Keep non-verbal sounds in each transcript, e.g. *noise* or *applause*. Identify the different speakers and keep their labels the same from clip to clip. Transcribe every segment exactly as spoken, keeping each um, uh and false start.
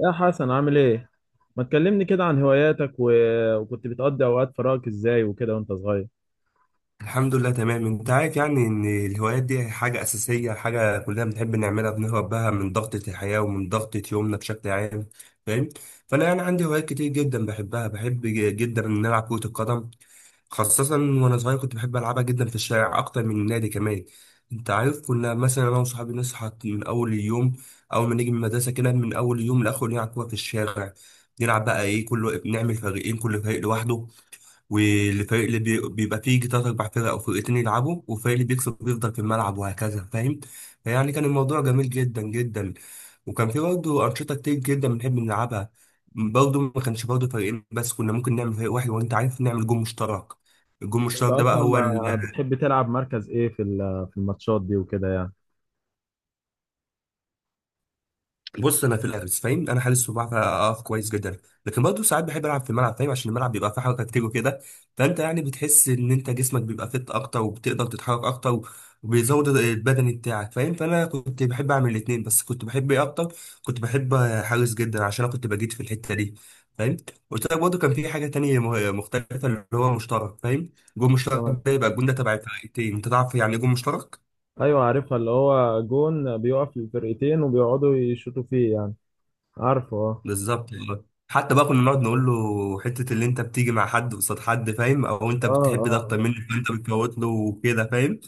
Speaker 1: يا حسن، عامل ايه؟ ما تكلمني كده عن هواياتك و... وكنت بتقضي اوقات فراغك ازاي وكده وانت صغير.
Speaker 2: الحمد لله تمام. انت عارف يعني ان الهوايات دي حاجة اساسية، حاجة كلنا بنحب نعملها، بنهرب بها من ضغطة الحياة ومن ضغطة يومنا بشكل عام، فاهم؟ فانا يعني عندي هوايات كتير جدا بحبها، بحب ج- جدا ان العب كرة القدم، خاصة وانا صغير كنت بحب العبها جدا في الشارع اكتر من النادي كمان. انت عارف كنا مثلا انا وصحابي نصحى من اول اليوم، اول ما نيجي من المدرسة كده من اول يوم لاخر نلعب كورة في الشارع، نلعب بقى ايه، كله نعمل فريقين كل فريق لوحده، والفريق اللي بي- بيبقى فيه يجي تلات أربع فرق أو فرقتين يلعبوا، والفريق اللي بيكسب بيفضل في الملعب وهكذا، فاهم؟ فيعني كان الموضوع جميل جدا جدا، وكان في برضه أنشطة كتير جدا بنحب نلعبها، برضه ما كانش برضه فريقين بس، كنا ممكن نعمل فريق واحد وأنت عارف نعمل جون مشترك. الجون
Speaker 1: انت
Speaker 2: المشترك ده بقى
Speaker 1: اصلا
Speaker 2: هو،
Speaker 1: ما بتحب تلعب مركز ايه في ال- في الماتشات دي وكده يعني؟
Speaker 2: بص، انا في الحارس، فاهم، انا حارس وبعرف اقف كويس جدا، لكن برضه ساعات بحب العب في الملعب فاهم، عشان الملعب بيبقى فيه حركه كتير وكده، فانت يعني بتحس ان انت جسمك بيبقى فت اكتر وبتقدر تتحرك اكتر، وبيزود البدني بتاعك فاهم. فانا كنت بحب اعمل الاثنين، بس كنت بحب ايه اكتر؟ كنت بحب حارس جدا عشان انا كنت بجيد في الحته دي، فاهم. قلت لك برضه كان في حاجه تانية م- مختلفه اللي هو مشترك فاهم، جول مشترك
Speaker 1: اه.
Speaker 2: ده يبقى الجول ده تبع الفرقتين. انت تعرف يعني ايه جول مشترك؟
Speaker 1: ايوه، عارفها، اللي هو جون بيقف للفرقتين وبيقعدوا يشوطوا فيه يعني. عارفه، اه.
Speaker 2: بالظبط والله. حتى بقى كنا نقعد نقول له حتة اللي انت بتيجي مع حد قصاد حد فاهم، او انت
Speaker 1: اه.
Speaker 2: بتحب ده
Speaker 1: اه.
Speaker 2: اكتر مني فانت بتفوت له وكده فاهم.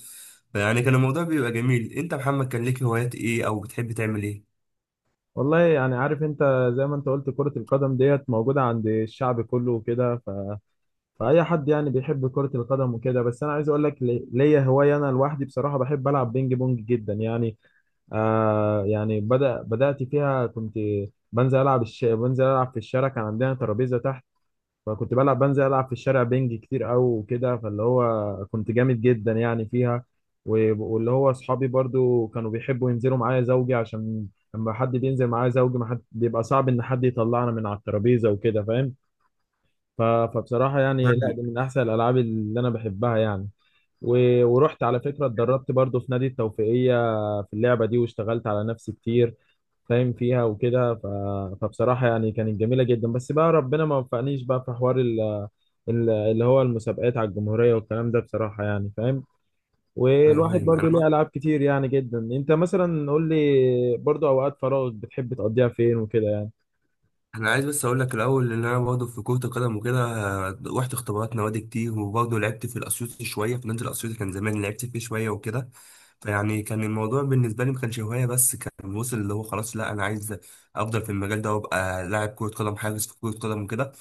Speaker 2: يعني كان الموضوع بيبقى جميل. انت يا محمد كان ليك هوايات ايه او بتحب تعمل ايه؟
Speaker 1: والله يعني عارف انت، زي ما انت قلت كرة القدم ديت موجودة عند الشعب كله وكده، ف... فأي حد يعني بيحب كرة القدم وكده. بس أنا عايز أقول لك، لي- ليا هواية أنا لوحدي، بصراحة بحب ألعب بينج بونج جدا يعني. آه يعني بدأ بدأت فيها. كنت بنزل ألعب الش... بنزل ألعب في الشارع، كان عندنا ترابيزة تحت. فكنت بلعب، بنزل ألعب في الشارع بينج كتير أوي وكده، فاللي هو كنت جامد جدا يعني فيها. و... واللي هو أصحابي برضو كانوا بيحبوا ينزلوا معايا زوجي، عشان لما حد بينزل معايا زوجي ما حد بيبقى، صعب إن حد يطلعنا من على الترابيزة وكده فاهم. ف... فبصراحة يعني، لا،
Speaker 2: فاهم.
Speaker 1: دي من أحسن الألعاب اللي أنا بحبها يعني. و... ورحت على فكرة اتدربت برضو في نادي التوفيقية في اللعبة دي، واشتغلت على نفسي كتير فاهم فيها وكده. ف... فبصراحة يعني كانت جميلة جدا، بس بقى ربنا ما وفقنيش بقى في حوار ال... ال- اللي هو المسابقات على الجمهورية والكلام ده، بصراحة يعني فاهم.
Speaker 2: ايوه
Speaker 1: والواحد
Speaker 2: فاهم.
Speaker 1: برضو
Speaker 2: انا
Speaker 1: ليه ألعاب كتير يعني جدا. انت مثلا قول لي، برضو أوقات فراغك بتحب تقضيها فين وكده يعني؟
Speaker 2: انا عايز بس اقول لك الاول ان انا برضه في كرة القدم وكده، آه، رحت اختبارات نوادي كتير وبرضه لعبت في الاسيوطي شوية، في نادي الاسيوطي كان زمان لعبت فيه شوية وكده. فيعني كان الموضوع بالنسبة لي ما كانش هواية بس، كان وصل اللي هو خلاص لا انا عايز افضل في المجال ده وابقى لاعب كرة قدم، حارس في كرة قدم وكده.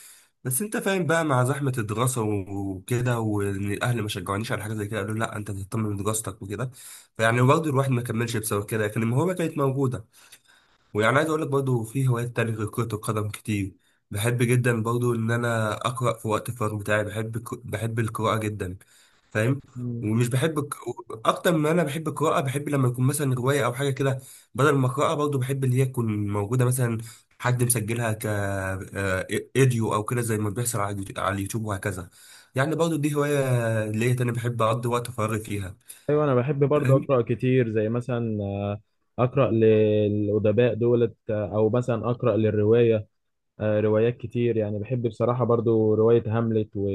Speaker 2: بس انت فاهم بقى مع زحمة الدراسة وكده، وان الاهل ما شجعونيش على حاجة زي كده، قالوا لا انت تهتم بدراستك وكده، فيعني برضه الواحد ما كملش بسبب كده، لكن الموهبة كانت موجودة. ويعني عايز اقول لك برضه في هوايات تانية غير كرة القدم كتير، بحب جدا برضه ان انا اقرا في وقت الفراغ بتاعي، بحب الك- بحب القراءة جدا فاهم.
Speaker 1: مم.
Speaker 2: ومش بحب الك- اكتر ما انا بحب القراءة، بحب لما يكون مثلا رواية او حاجة كده بدل ما اقراها برضه، بحب اللي هي تكون موجودة مثلا حد مسجلها ك آه، ايديو او كده زي ما بيحصل على اليوتيوب، على اليوتيوب وهكذا. يعني برضه دي هواية اللي هي تاني بحب اقضي وقت فراغي فيها،
Speaker 1: ايوه، انا بحب برضه
Speaker 2: فاهم؟
Speaker 1: اقرا كتير، زي مثلا آه، اقرا للادباء دولت، آه، او مثلا اقرا للروايه، آه، روايات كتير يعني. بحب بصراحة برضو رواية هاملت، و...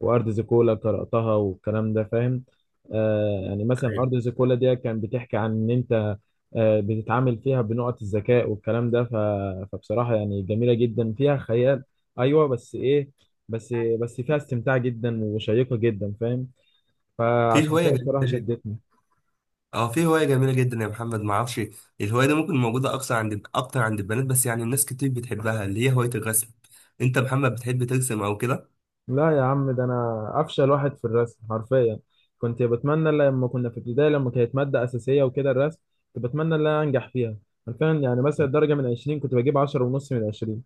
Speaker 1: وأرض زيكولا قرأتها والكلام ده فاهم. آه، يعني مثلا
Speaker 2: أيوة.
Speaker 1: أرض زيكولا دي كان بتحكي عن إن أنت آه بتتعامل فيها بنقط الذكاء والكلام ده، ف... فبصراحة يعني جميلة جدا، فيها خيال. أيوة بس إيه، بس بس فيها استمتاع جدا وشيقة جدا فاهم،
Speaker 2: في
Speaker 1: فعشان
Speaker 2: هواية
Speaker 1: كده بصراحة
Speaker 2: جديدة،
Speaker 1: شدتني.
Speaker 2: اه في هواية جميلة جدا يا محمد ما اعرفش، الهواية دي ممكن موجودة اكثر عند، اكتر عند البنات، بس يعني الناس كتير بتحبها، اللي هي هواية الرسم. انت يا محمد بتحب ترسم او كده؟
Speaker 1: لا يا عم، ده انا افشل واحد في الرسم حرفيا. كنت بتمنى لما كنا في ابتدائي لما كانت ماده اساسيه وكده الرسم، كنت بتمنى ان انا انجح فيها. حرفيا يعني مثلا درجه من عشرين كنت بجيب عشرة ونص من عشرين،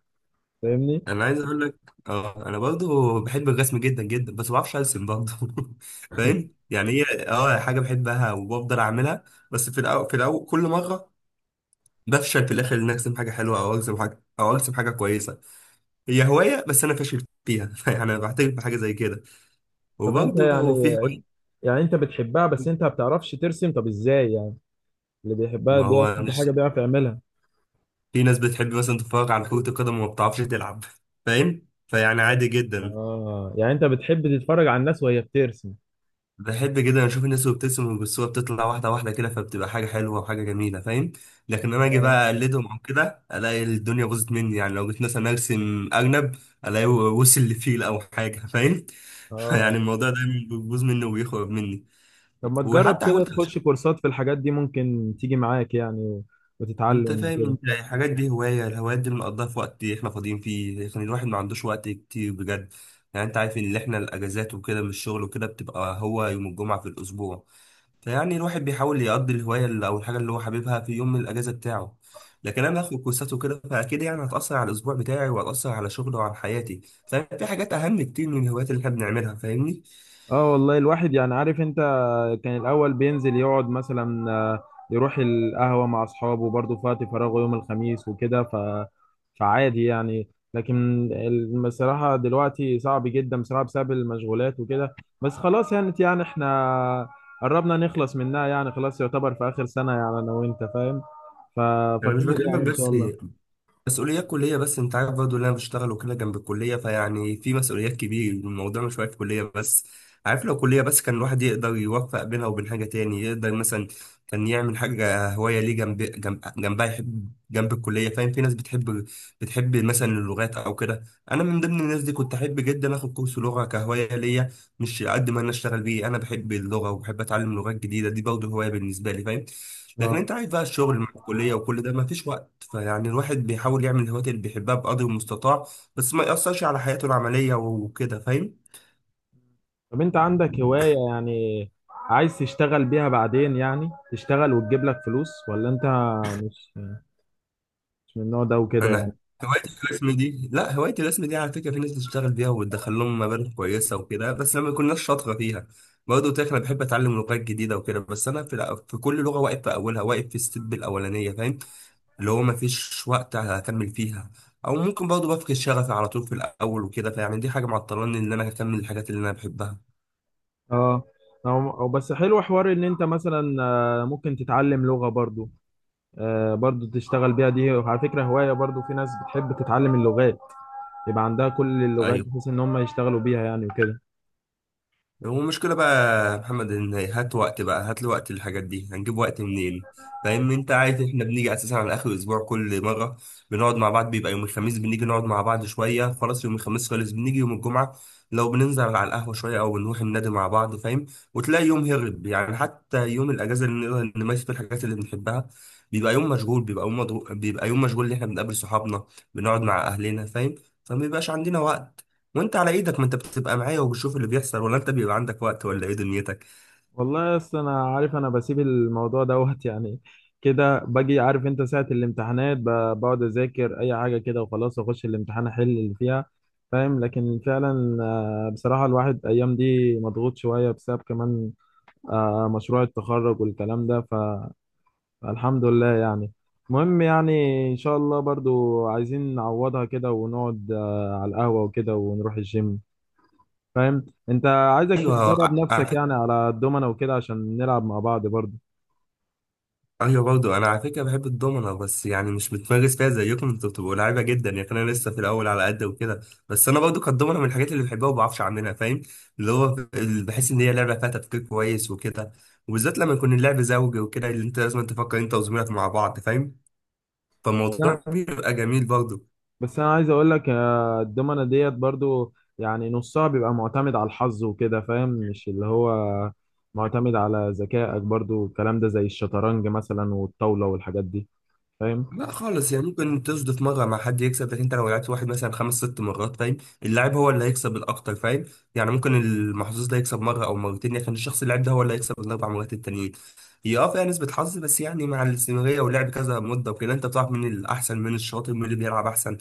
Speaker 1: فاهمني؟
Speaker 2: انا عايز اقول لك، اه انا برضو بحب الرسم جدا جدا بس ما بعرفش ارسم برضو. *laughs* فاهم، يعني هي اه حاجة بحبها وبفضل اعملها، بس في الاول، في الاول كل مرة بفشل في الاخر ان ارسم حاجة حلوة، او ارسم حاجة، او ارسم حاجة كويسة. هي هواية بس انا فاشل فيها *laughs* يعني انا بعترف بحاجة زي كده.
Speaker 1: طب انت
Speaker 2: وبرضو
Speaker 1: يعني
Speaker 2: في هواية،
Speaker 1: يعني انت بتحبها بس انت ما بتعرفش ترسم، طب ازاي يعني؟ اللي بيحبها
Speaker 2: ما هو
Speaker 1: بيحب
Speaker 2: مش،
Speaker 1: حاجه بيعرف يعملها.
Speaker 2: في ناس بتحب مثلا تتفرج على كرة القدم وما بتعرفش تلعب فاهم، فيعني عادي جدا.
Speaker 1: اه، يعني انت بتحب تتفرج على الناس وهي بترسم؟
Speaker 2: بحب جدا اشوف الناس وهي بتبتسم والصورة بتطلع واحدة واحدة كده، فبتبقى حاجة حلوة وحاجة جميلة فاهم، لكن انا اجي
Speaker 1: اه.
Speaker 2: بقى اقلدهم او كده الاقي الدنيا باظت مني، يعني لو جيت مثلا ارسم ارنب الاقي وصل لفيل او حاجة فاهم. *laughs* فيعني
Speaker 1: اه،
Speaker 2: الموضوع دايما بيبوظ مني وبيخرب مني.
Speaker 1: طب ما تجرب
Speaker 2: وحتى
Speaker 1: كده
Speaker 2: حاولت،
Speaker 1: تخش كورسات في الحاجات دي، ممكن تيجي معاك يعني
Speaker 2: انت
Speaker 1: وتتعلم
Speaker 2: فاهم،
Speaker 1: وكده.
Speaker 2: انت يعني الحاجات دي هوايه، الهوايات دي بنقضيها في وقت احنا فاضيين فيه، لكن الواحد ما عندوش وقت كتير بجد. يعني انت عارف ان احنا الاجازات وكده من الشغل وكده بتبقى هو يوم الجمعه في الاسبوع، فيعني الواحد بيحاول يقضي الهوايه اللي- او الحاجه اللي هو حاببها في يوم من الاجازه بتاعه، لكن انا باخد كورسات وكده فاكيد يعني هتاثر على الاسبوع بتاعي وهتاثر على شغلي وعلى حياتي. ففي حاجات اهم كتير من الهوايات اللي احنا بنعملها، فاهمني؟
Speaker 1: اه والله، الواحد يعني عارف انت، كان الاول بينزل يقعد مثلا، آه، يروح القهوه مع اصحابه برضه في وقت فراغه يوم الخميس وكده، ف فعادي يعني. لكن ال- بصراحه دلوقتي صعب جدا بصراحه بسبب المشغولات وكده. بس خلاص يعني، يعني احنا قربنا نخلص منها يعني، خلاص يعتبر في اخر سنه يعني انا وانت فاهم، ف...
Speaker 2: انا مش
Speaker 1: فخير
Speaker 2: بكلمك
Speaker 1: يعني ان شاء
Speaker 2: بس
Speaker 1: الله.
Speaker 2: مسؤوليات كلية، بس انت عارف برضه اللي انا بشتغل وكده جنب الكلية، فيعني في مسؤوليات كبيرة، الموضوع مش واقف كلية بس. عارف لو كلية بس كان الواحد يقدر يوفق بينها وبين حاجة تاني، يقدر مثلا كان يعمل حاجة هواية ليه جنب، جنب جنبها يحب جنب الكلية فاهم. في ناس بتحب بتحب مثلا اللغات أو كده، أنا من ضمن الناس دي، كنت أحب جدا آخد كورس لغة كهواية ليا، مش قد ما أنا أشتغل بيه، أنا بحب اللغة وبحب أتعلم لغات جديدة، دي برضه هواية بالنسبة لي فاهم. لكن انت
Speaker 1: اه،
Speaker 2: عارف بقى الشغل مع الكليه وكل ده ما فيش وقت، فيعني الواحد بيحاول يعمل الهوايات اللي بيحبها بقدر المستطاع بس ما يأثرش على حياته العمليه وكده فاهم.
Speaker 1: طب انت عندك هواية يعني عايز تشتغل بيها بعدين، يعني تشتغل وتجيب لك فلوس، ولا انت مش مش من النوع ده وكده يعني؟
Speaker 2: انا هوايه الرسم دي، لا هوايه الرسم دي على فكره في ناس بتشتغل بيها وبتدخل لهم مبالغ كويسه وكده، بس لما يكونش شاطره فيها. برضه قلت لك انا بحب اتعلم لغات جديده وكده، بس انا في, الأ- في كل لغه واقف في اولها، واقف في الستيب الاولانيه فاهم، اللي هو ما فيش وقت اكمل فيها، او ممكن برضه بفقد شغفي على طول في الاول وكده، فيعني دي حاجه معطلاني ان انا اكمل الحاجات اللي انا بحبها.
Speaker 1: اه، او او بس حلو حوار ان انت مثلا، آه، ممكن تتعلم لغة برضو، آه، برضو تشتغل بيها. دي على فكرة هواية برضو، في ناس بتحب تتعلم اللغات يبقى عندها كل اللغات
Speaker 2: ايوه،
Speaker 1: بحيث ان هم يشتغلوا بيها يعني وكده.
Speaker 2: هو المشكله بقى يا محمد ان هات وقت بقى، هات لي وقت، الحاجات دي هنجيب وقت منين؟ فاهم، انت عارف احنا بنيجي اساسا على اخر الاسبوع كل مره بنقعد مع بعض، بيبقى يوم الخميس بنيجي نقعد مع بعض شويه خلاص، يوم الخميس خلص بنيجي يوم الجمعه لو بننزل على القهوه شويه او بنروح النادي مع بعض فاهم. وتلاقي يوم هرب، يعني حتى يوم الاجازه اللي نقدر نمارس فيه الحاجات اللي بنحبها بيبقى يوم مشغول، بيبقى يوم مضغوط، بيبقى يوم مشغول اللي احنا بنقابل صحابنا، بنقعد مع اهلنا فاهم، فما بيبقاش عندنا وقت. وانت على ايدك، ما انت بتبقى معايا وبتشوف اللي بيحصل، ولا انت بيبقى عندك وقت، ولا ايه دنيتك؟
Speaker 1: والله اصل انا عارف، انا بسيب الموضوع دوت *laughs* يعني كده. باجي عارف انت ساعة الامتحانات، ب- بقعد اذاكر اي حاجة كده وخلاص اخش الامتحان احل اللي فيها فاهم. لكن فعلا آه، بصراحة الواحد ايام دي مضغوط شوية، بسبب كمان آه، مشروع التخرج والكلام ده، ف- فالحمد لله يعني. المهم يعني، ان شاء الله برضو عايزين نعوضها كده، ونقعد آه، على القهوة وكده، ونروح الجيم فاهم. انت عايزك
Speaker 2: ايوه
Speaker 1: تدرب
Speaker 2: ع- على
Speaker 1: نفسك يعني
Speaker 2: فكره،
Speaker 1: على الدومنة وكده عشان نلعب مع بعض برضه.
Speaker 2: ايوه برضه انا على فكره بحب الدومنه، بس يعني مش بتمارس فيها زيكم انتوا بتبقوا لعيبه جدا، يعني انا لسه في الاول على قد وكده. بس انا برضه كانت الدومنه من الحاجات اللي بحبها وما بعرفش اعملها فاهم، اللي هو ف- اللي بحس ان هي لعبه فيها تفكير كويس وكده، وبالذات لما يكون اللعب زوجي وكده اللي انت لازم تفكر انت وزميلك مع بعض فاهم،
Speaker 1: بس انا
Speaker 2: فالموضوع بيبقى جميل برضه.
Speaker 1: بس انا عايز اقول لك، آه، الدومنة ديت برضه يعني نصها بيبقى معتمد على الحظ وكده فاهم، مش اللي هو معتمد على ذكائك برضه والكلام ده، زي الشطرنج مثلا والطاولة والحاجات دي فاهم.
Speaker 2: لا خالص يعني، ممكن تصدف مرة مع حد يكسب، لكن انت لو لعبت واحد مثلا خمس ست مرات فاهم، اللاعب هو اللي هيكسب الأكتر فاهم. يعني ممكن المحظوظ ده يكسب مرة أو مرتين، لكن الشخص اللي لعب ده هو اللي هيكسب الأربع مرات التانيين. هي اه فيها نسبة حظ بس، يعني مع الاستمرارية ولعب كذا مدة وكده انت بتعرف مين الأحسن، مين الشاطر، مين اللي بيلعب أحسن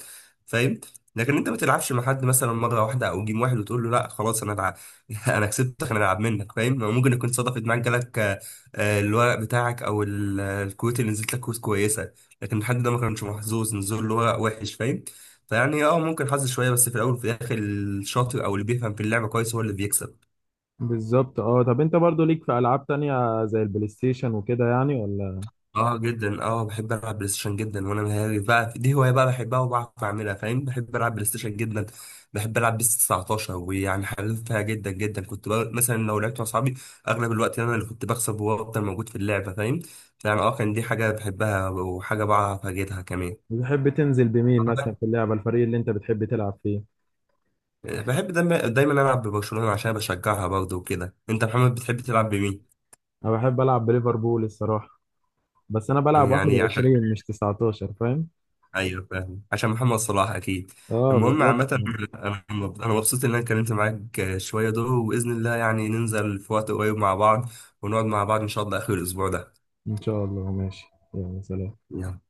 Speaker 2: فاهم. لكن انت ما تلعبش مع حد مثلا مرة واحدة أو جيم واحد وتقول له لا خلاص أنا العب، *laughs* أنا كسبتك أنا العب منك فاهم، ممكن يكون صدفت معاك جالك آه، آه، الورق بتاعك أو ال- الكروت اللي نزلت لك كروت كويسة، لكن الحد ده ما كانش محظوظ، نزول اللي هو وحش فاهم. فيعني اه ممكن حظ شويه بس في الاول، وفي الاخر الشاطر او اللي بيفهم في اللعبه كويس هو اللي بيكسب.
Speaker 1: بالظبط. اه، طب انت برضه ليك في العاب تانية زي البلاي ستيشن وكده يعني، ولا؟
Speaker 2: اه جدا، اه بحب العب بلاي ستيشن جدا، وانا مهاري بقى دي هوايه بقى بحبها وبعرف اعملها فاهم، بحب العب بلاي ستيشن جدا. بحب العب بيس تسعتاشر ويعني حريفها جدا جدا، كنت بقى مثلا لو لعبت مع اصحابي اغلب الوقت انا اللي كنت بكسب وافضل موجود في اللعبه فاهم، فيعني اه كان دي حاجه بحبها وحاجه بعرف اجيدها كمان.
Speaker 1: بتحب تنزل بمين مثلا في اللعبة، الفريق اللي انت بتحب تلعب فيه؟
Speaker 2: بحب دايما دايما العب ببرشلونه عشان بشجعها برضه وكده. انت محمد بتحب تلعب بمين؟
Speaker 1: انا بحب العب بليفربول الصراحة، بس انا بلعب
Speaker 2: يعني عشان،
Speaker 1: واحد وعشرين مش تسعتاشر فاهم.
Speaker 2: ايوه فاهم، عشان محمد صلاح اكيد.
Speaker 1: اه
Speaker 2: المهم
Speaker 1: بالظبط.
Speaker 2: عامه، انا انا مبسوط ان انا اتكلمت معاك شويه دول، وباذن الله يعني ننزل في وقت قريب مع بعض ونقعد مع بعض ان شاء الله اخر الاسبوع ده.
Speaker 1: ان شاء الله ماشي. يلا، سلام.
Speaker 2: يلا.